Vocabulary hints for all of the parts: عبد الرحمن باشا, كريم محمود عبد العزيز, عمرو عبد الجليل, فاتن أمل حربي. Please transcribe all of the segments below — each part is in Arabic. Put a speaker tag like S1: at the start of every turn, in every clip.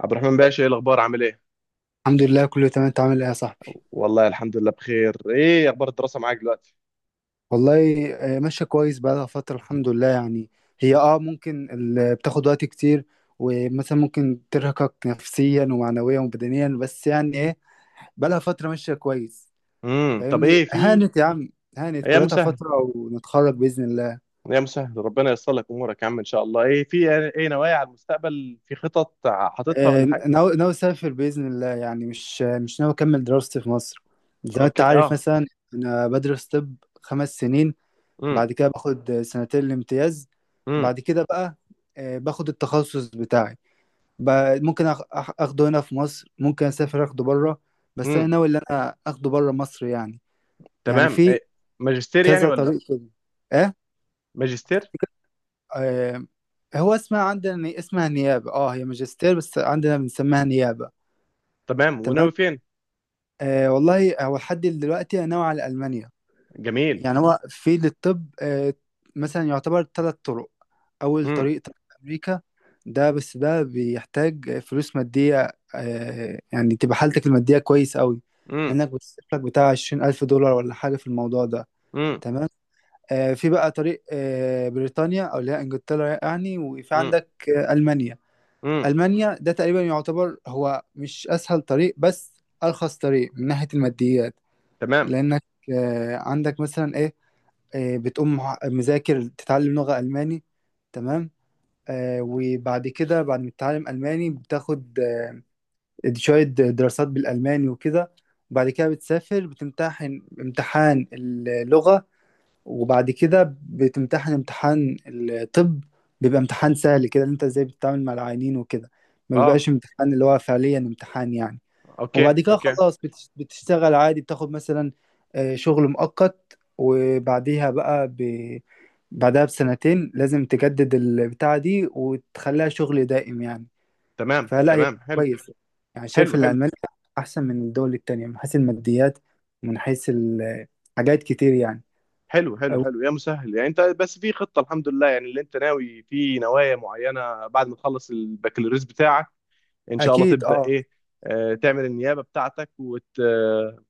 S1: عبد الرحمن باشا، ايه الاخبار؟ عامل ايه؟
S2: الحمد لله، كله تمام. انت عامل ايه يا صاحبي؟
S1: والله الحمد لله بخير. ايه اخبار الدراسه معاك دلوقتي؟
S2: والله ماشيه كويس، بقالها فتره، الحمد لله يعني. هي ممكن بتاخد وقت كتير، ومثلا ممكن ترهقك نفسيا ومعنويا وبدنيا، بس يعني ايه، بقالها فتره ماشيه كويس.
S1: طب
S2: فاهمني،
S1: ايه في.
S2: هانت يا عم، هانت
S1: ايام
S2: كلها
S1: مسهل.
S2: فتره، ونتخرج باذن الله.
S1: ايام مسهل، ربنا ييسر لك امورك يا عم ان شاء الله. ايه في، ايه نوايا على المستقبل؟ في خطط حاططها ولا حاجه؟
S2: ناوي اسافر باذن الله، يعني مش ناوي اكمل دراستي في مصر، زي ما انت
S1: اوكي.
S2: عارف
S1: اه.
S2: مثلا. انا بدرس طب، 5 سنين.
S1: امم.
S2: بعد كده باخد سنتين الامتياز.
S1: امم.
S2: بعد كده بقى باخد التخصص بتاعي. ممكن اخده هنا في مصر، ممكن اسافر اخده بره، بس انا
S1: امم.
S2: ناوي ان انا اخده بره مصر يعني. يعني
S1: تمام.
S2: في
S1: إيه؟ ماجستير يعني
S2: كذا
S1: ولا؟
S2: طريق كده، ايه.
S1: ماجستير.
S2: آه، هو اسمها عندنا، اسمها نيابة. اه هي ماجستير، بس عندنا بنسميها نيابة.
S1: تمام.
S2: تمام.
S1: وناوي فين؟
S2: والله، هو لحد دلوقتي انا ناوي على المانيا.
S1: جميل.
S2: يعني هو في للطب مثلا يعتبر 3 طرق. أول
S1: امم.
S2: طريق، طريق أمريكا. ده بس ده بيحتاج فلوس مادية، يعني تبقى حالتك المادية كويس قوي،
S1: امم.
S2: لأنك بتصرف لك بتاع 20,000 دولار ولا حاجة في الموضوع ده.
S1: امم.
S2: تمام. في بقى طريق بريطانيا، أو اللي هي إنجلترا يعني، وفي
S1: امم.
S2: عندك ألمانيا.
S1: امم.
S2: ألمانيا ده تقريبا يعتبر هو مش أسهل طريق، بس أرخص طريق من ناحية الماديات.
S1: تمام.
S2: لأنك عندك مثلا إيه، بتقوم مذاكر تتعلم لغة ألماني. تمام. وبعد كده، بعد ما تتعلم ألماني، بتاخد شوية دراسات بالألماني وكده، وبعد كده بتسافر، بتمتحن امتحان اللغة، وبعد كده بتمتحن امتحان الطب. بيبقى امتحان سهل كده، إن انت ازاي بتتعامل مع العيانين وكده، ما
S1: اه،
S2: بيبقاش امتحان اللي هو فعليا امتحان يعني.
S1: اوكي
S2: وبعد كده
S1: اوكي.
S2: خلاص بتشتغل عادي، بتاخد مثلا شغل مؤقت، وبعديها بقى. بعدها بسنتين لازم تجدد البتاعة دي وتخليها شغل دائم يعني.
S1: تمام
S2: فلا هي
S1: تمام. حلو.
S2: كويس. يعني شايف
S1: حلو
S2: إن
S1: حلو.
S2: ألمانيا أحسن من الدول التانية، من حيث الماديات، من حيث حاجات كتير يعني.
S1: حلو حلو
S2: أو-
S1: حلو يا مسهل، يعني انت بس في خطة الحمد لله، يعني اللي انت ناوي في نوايا معينة بعد ما تخلص البكالوريوس بتاعك ان شاء الله
S2: أكيد
S1: تبدأ
S2: أه.
S1: ايه؟ آه، تعمل النيابة بتاعتك وت آه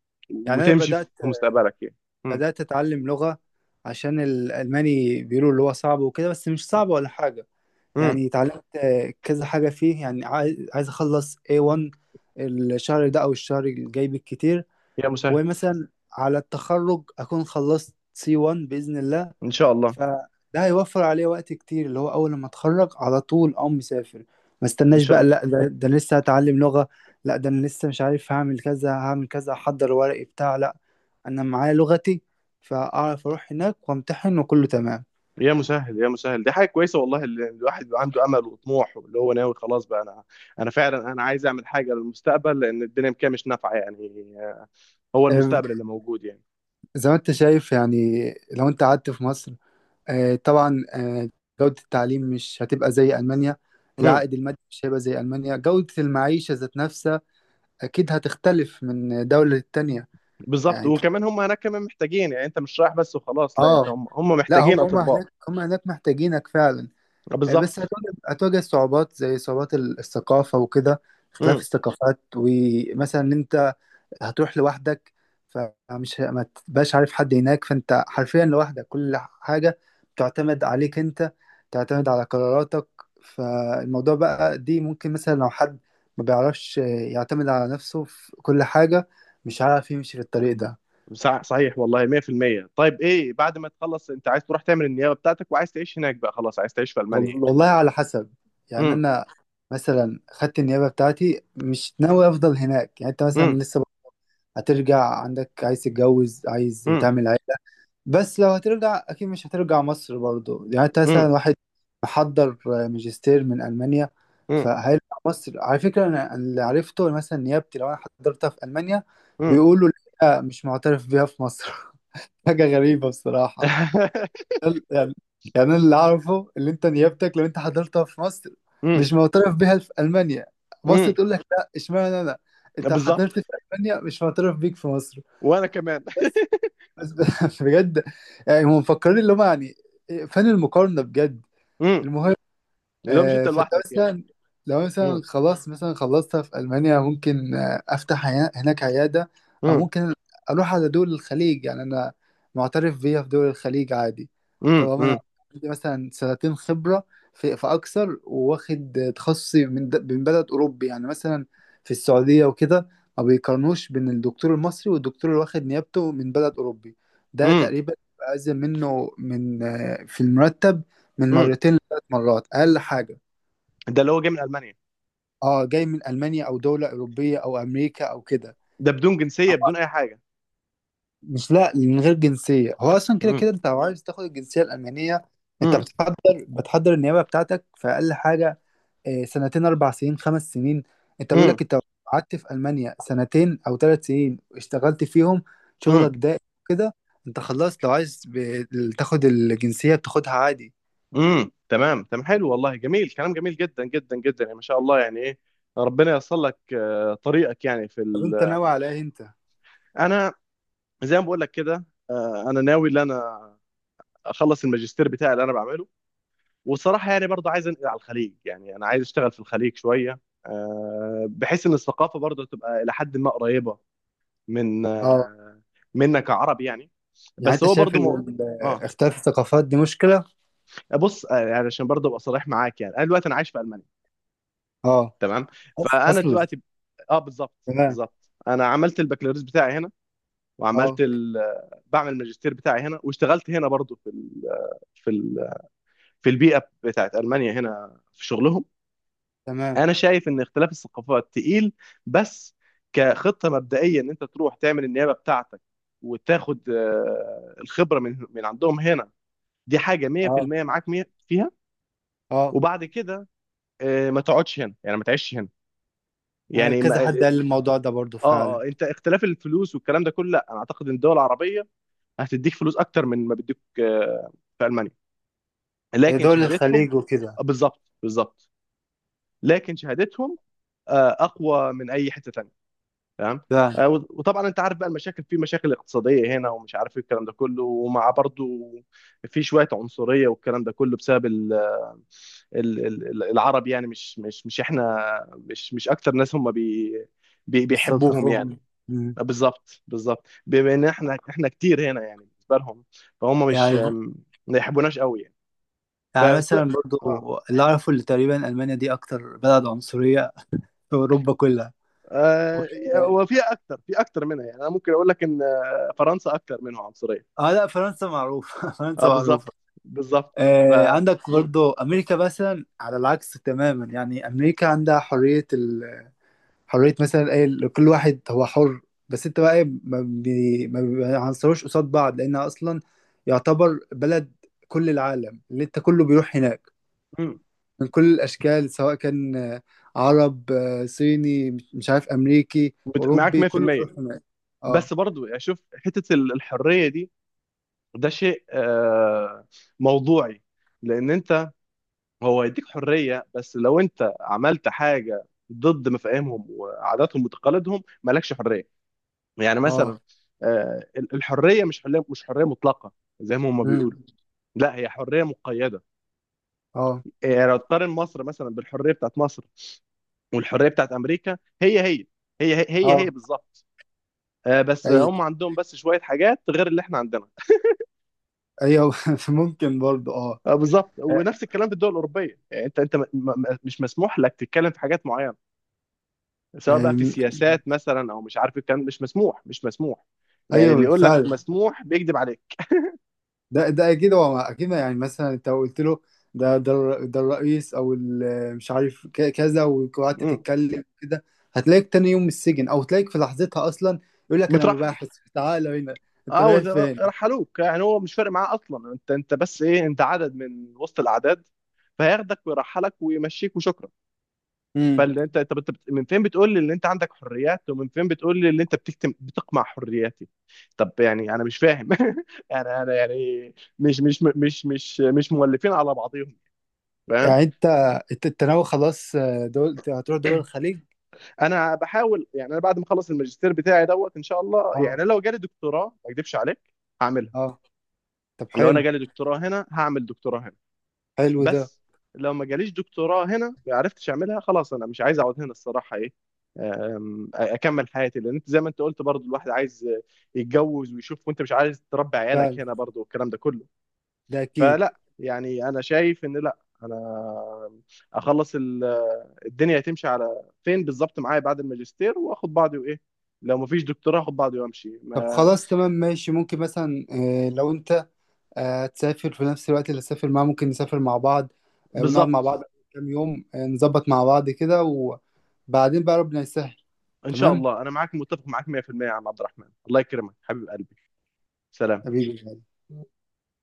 S2: يعني أنا
S1: وتمشي في
S2: بدأت،
S1: مستقبلك يعني. امم.
S2: أتعلم لغة. عشان الألماني بيقولوا اللي هو صعب وكده، بس مش صعب ولا حاجة
S1: امم.
S2: يعني. اتعلمت كذا حاجة فيه يعني. عايز أخلص A1 الشهر ده أو الشهر الجاي بالكتير.
S1: يا مسهل.
S2: ومثلا على التخرج أكون خلصت C1 بإذن الله.
S1: ان شاء الله.
S2: فده هيوفر عليه وقت كتير، اللي هو أول لما أتخرج على طول أقوم مسافر، ما
S1: ان
S2: استناش
S1: شاء
S2: بقى.
S1: الله.
S2: لا ده أنا لسه هتعلم لغة، لا ده أنا لسه مش عارف هعمل كذا هعمل كذا أحضر ورقي بتاع. لا، أنا معايا لغتي، فأعرف أروح هناك وأمتحن وكله تمام.
S1: يا مسهل يا مسهل، دي حاجة كويسة والله، اللي الواحد بيبقى عنده امل وطموح، اللي هو ناوي خلاص. بقى انا انا فعلا انا عايز اعمل حاجة للمستقبل، لان الدنيا كده مش نافعة يعني. هو
S2: آه،
S1: المستقبل اللي موجود يعني.
S2: زي ما أنت شايف يعني. لو أنت قعدت في مصر، طبعا، جودة التعليم مش هتبقى زي ألمانيا، العائد المادي مش هيبقى زي ألمانيا، جودة المعيشة ذات نفسها أكيد هتختلف من دولة للتانية.
S1: بالظبط.
S2: يعني أنت-
S1: وكمان هم هناك كمان محتاجين، يعني انت مش رايح بس وخلاص، لا، انت
S2: آه،
S1: هم
S2: لا هم
S1: محتاجين
S2: هم
S1: اطباء.
S2: هناك، هم هناك محتاجينك فعلا. بس
S1: بالظبط.
S2: هتواجه صعوبات، زي صعوبات الثقافة وكده، اختلاف
S1: امم.
S2: الثقافات، ومثلا إن أنت هتروح لوحدك. فمش ما تبقاش عارف حد هناك، فانت حرفيا لوحدك، كل حاجة بتعتمد عليك انت، تعتمد على قراراتك. فالموضوع بقى دي ممكن مثلا لو حد ما بيعرفش يعتمد على نفسه في كل حاجة، مش عارف يمشي في الطريق ده.
S1: صحيح والله. 100% طيب، ايه بعد ما تخلص؟ انت عايز تروح تعمل النيابه بتاعتك وعايز تعيش هناك بقى خلاص؟ عايز تعيش في المانيا يعني؟
S2: والله على حسب يعني.
S1: امم.
S2: انا مثلا خدت النيابة بتاعتي، مش ناوي افضل هناك. يعني انت مثلا
S1: امم.
S2: لسه هترجع، عندك عايز تتجوز، عايز
S1: امم.
S2: تعمل عيلة. بس لو هترجع اكيد مش هترجع مصر برضو، يعني انت مثلا
S1: امم.
S2: واحد محضر ماجستير من المانيا،
S1: امم.
S2: فهيرجع مصر. على فكره، انا اللي عرفته، مثلا نيابتي لو انا حضرتها في المانيا،
S1: امم.
S2: بيقولوا لا مش معترف بيها في مصر. حاجه غريبه بصراحه. يعني، يعني أنا اللي اعرفه، اللي انت نيابتك لو انت حضرتها في مصر
S1: امم.
S2: مش معترف بيها في المانيا. مصر
S1: امم.
S2: تقول لك لا، اشمعنى انا انت
S1: بالظبط.
S2: حضرت في المانيا مش معترف بيك في مصر؟
S1: وانا كمان.
S2: بس بجد. يعني هم مفكرين اللي هم يعني إيه، فين المقارنة بجد؟
S1: امم. لو مش انت
S2: فلو
S1: لوحدك يعني.
S2: مثلا، لو مثلا
S1: امم.
S2: خلاص مثلا خلصتها في ألمانيا، ممكن أفتح هناك عيادة، أو
S1: امم.
S2: ممكن أروح على دول الخليج. يعني أنا معترف بيها في دول الخليج عادي،
S1: امم.
S2: طالما أنا
S1: امم.
S2: عندي مثلا سنتين خبرة في أكثر، وواخد تخصصي من بلد أوروبي، يعني مثلا في السعودية وكده، ما بيقارنوش بين الدكتور المصري والدكتور اللي واخد نيابته من بلد أوروبي. ده
S1: امم.
S2: تقريبا بأزيد منه من في المرتب، من
S1: امم.
S2: مرتين لثلاث مرات، اقل حاجه.
S1: ده اللي هو جاي من المانيا؟
S2: اه، جاي من المانيا او دوله اوروبيه او امريكا او كده.
S1: ده بدون جنسيه بدون اي حاجه؟
S2: مش، لا، من غير جنسيه. هو اصلا كده
S1: امم.
S2: كده انت لو عايز تاخد الجنسيه الالمانيه، انت
S1: امم.
S2: بتحضر، النيابه بتاعتك في اقل حاجه سنتين، 4 سنين، 5 سنين. انت بيقول لك انت لو قعدت في المانيا سنتين او 3 سنين اشتغلت فيهم شغلك
S1: امم.
S2: ده كده، انت خلصت. لو عايز تاخد الجنسيه بتاخدها عادي.
S1: امم. تمام تمام. حلو والله، جميل، كلام جميل جدا جدا جدا يعني ما شاء الله، يعني ايه، ربنا ييسر لك طريقك يعني
S2: طب انت ناوي على ايه انت؟
S1: انا زي ما بقول لك كده، انا ناوي ان انا اخلص الماجستير بتاعي اللي انا بعمله، والصراحه يعني برضه عايز انقل على الخليج، يعني انا عايز اشتغل في الخليج شويه، بحيث ان الثقافه برضه تبقى الى حد ما قريبه من
S2: اه،
S1: منا كعرب يعني.
S2: يعني
S1: بس
S2: انت
S1: هو
S2: شايف
S1: برضه
S2: ان
S1: مو... اه.
S2: اختلاف الثقافات دي مشكله؟
S1: بص، يعني عشان برضه ابقى صريح معاك، يعني انا دلوقتي انا عايش في المانيا.
S2: اه.
S1: تمام. فانا
S2: اصلا.
S1: دلوقتي. اه، بالظبط.
S2: تمام.
S1: بالظبط، انا عملت البكالوريوس بتاعي هنا
S2: اه.
S1: وعملت ال... بعمل الماجستير بتاعي هنا، واشتغلت هنا برضو في ال... في البيئه بتاعت المانيا هنا في شغلهم.
S2: تمام.
S1: انا شايف ان اختلاف الثقافات تقيل، بس كخطه مبدئيه ان انت تروح تعمل النيابه بتاعتك وتاخد الخبره من عندهم هنا، دي حاجه
S2: اه.
S1: 100% معاك 100 فيها.
S2: اه.
S1: وبعد كده ما تقعدش هنا يعني، ما تعيش هنا يعني.
S2: كذا حد قال لي الموضوع ده برضو فعلا.
S1: اه، انت اختلاف الفلوس والكلام ده كله، لا، انا اعتقد ان الدول العربيه هتديك فلوس اكتر من ما بيديك في المانيا، لكن
S2: دول
S1: شهادتهم.
S2: الخليج وكده.
S1: بالظبط بالظبط. لكن شهادتهم اقوى من اي حته تانيه. تمام.
S2: فعلا.
S1: وطبعا انت عارف بقى المشاكل، في مشاكل اقتصاديه هنا ومش عارف ايه الكلام ده كله، ومع برضو في شويه عنصريه والكلام ده كله بسبب العرب يعني. مش احنا، مش اكتر ناس هم بيحبوهم
S2: بيستلطفوهم.
S1: يعني.
S2: مم.
S1: بالظبط بالظبط، بما ان احنا احنا كتير هنا يعني بالنسبه لهم، فهم مش،
S2: يعني.
S1: ما يحبوناش قوي يعني. ف
S2: يعني مثلا برضو،
S1: اه
S2: اللي اعرفه اللي تقريبا المانيا دي اكتر بلد عنصريه في اوروبا كلها. و-
S1: آه، وفي اكتر في اكتر منها يعني، انا ممكن اقول لك ان فرنسا اكتر منهم عنصريه.
S2: اه، لا فرنسا معروفه.
S1: اه
S2: فرنسا
S1: بالظبط.
S2: معروفه.
S1: بالظبط. ف
S2: عندك
S1: مم.
S2: برضو امريكا مثلا على العكس تماما. يعني امريكا عندها حريه، حريه مثلا ايه، كل واحد هو حر. بس انت بقى ايه، ما بيعنصروش قصاد بعض، لانها اصلا يعتبر بلد كل العالم اللي انت كله بيروح هناك،
S1: مم.
S2: من كل الاشكال، سواء كان عرب، صيني، مش عارف، امريكي،
S1: معاك
S2: اوروبي، كله
S1: 100%،
S2: بيروح هناك. اه.
S1: بس برضو يعني شوف حته الحريه دي، ده شيء موضوعي، لان انت، هو يديك حرية بس لو انت عملت حاجة ضد مفاهيمهم وعاداتهم وتقاليدهم مالكش حرية. يعني مثلا
S2: اه.
S1: الحرية مش حرية مطلقة زي ما هم بيقولوا،
S2: مم.
S1: لا، هي حرية مقيدة.
S2: اه.
S1: يعني لو تقارن مصر مثلا، بالحرية بتاعت مصر والحرية بتاعت أمريكا، هي،
S2: اه.
S1: هي، بالظبط. بس
S2: ايوه.
S1: هم عندهم بس شوية حاجات غير اللي احنا عندنا.
S2: ايوه. ممكن برضو اه.
S1: بالظبط. ونفس الكلام في الدول الأوروبية يعني. انت مش مسموح لك تتكلم في حاجات معينة، سواء بقى في
S2: أم،
S1: سياسات مثلا او مش عارف، الكلام مش مسموح، مش مسموح. يعني
S2: ايوه
S1: اللي يقول لك
S2: بالفعل.
S1: مسموح بيكذب عليك.
S2: ده اكيد، هو اكيد. يعني مثلا انت لو قلت له ده ده الرئيس او مش عارف كذا، وقعدت
S1: مم.
S2: تتكلم كده، هتلاقيك تاني يوم السجن، او تلاقيك في لحظتها اصلا يقول لك انا
S1: مترحل.
S2: مباحث، تعالى هنا، انت
S1: اه
S2: رايح
S1: وز-
S2: فين؟
S1: رحلوك يعني، هو مش فارق معاه اصلا، انت بس ايه، انت عدد من وسط الاعداد، فهياخدك ويرحلك ويمشيك وشكرا.
S2: امم
S1: فاللي انت، طب انت من فين بتقول لي ان انت عندك حريات، ومن فين بتقول لي ان انت بتقمع حرياتي؟ طب يعني انا مش فاهم. انا يعني مش مولفين على بعضهم فاهم.
S2: يعني انت، انت ناوي خلاص دول، هتروح دول الخليج؟
S1: انا بحاول، يعني انا بعد ما اخلص الماجستير بتاعي دوت ان شاء الله، يعني
S2: اه.
S1: لو جالي دكتوراه ما اكدبش عليك هعملها.
S2: اه. طب
S1: لو انا
S2: حلو.
S1: جالي دكتوراه هنا هعمل دكتوراه هنا،
S2: حلو ده.
S1: بس لو ما جاليش دكتوراه هنا، ما عرفتش اعملها، خلاص انا مش عايز اقعد هنا الصراحه، ايه اكمل حياتي، لان انت زي ما انت قلت برضو، الواحد عايز يتجوز ويشوف، وانت مش عايز تربي عيالك هنا
S2: فعلا.
S1: برضو والكلام ده كله.
S2: ده اكيد.
S1: فلا، يعني انا شايف ان، لا، انا اخلص، الدنيا هتمشي على فين بالظبط معايا بعد الماجستير، واخد بعضي وايه، لو مفيش دكتوراه اخد بعضي وامشي
S2: طب
S1: ما.
S2: خلاص تمام ماشي. ممكن مثلا لو انت تسافر في نفس الوقت اللي تسافر معاه، ممكن نسافر مع بعض، ونقعد مع
S1: بالظبط.
S2: بعض كام يوم، نظبط مع بعض كده، وبعدين بقى ربنا يسهل.
S1: ان شاء
S2: تمام.
S1: الله. انا معاك، متفق معاك 100% يا عم عبد الرحمن، الله يكرمك حبيب قلبي. سلام.
S2: حبيبي.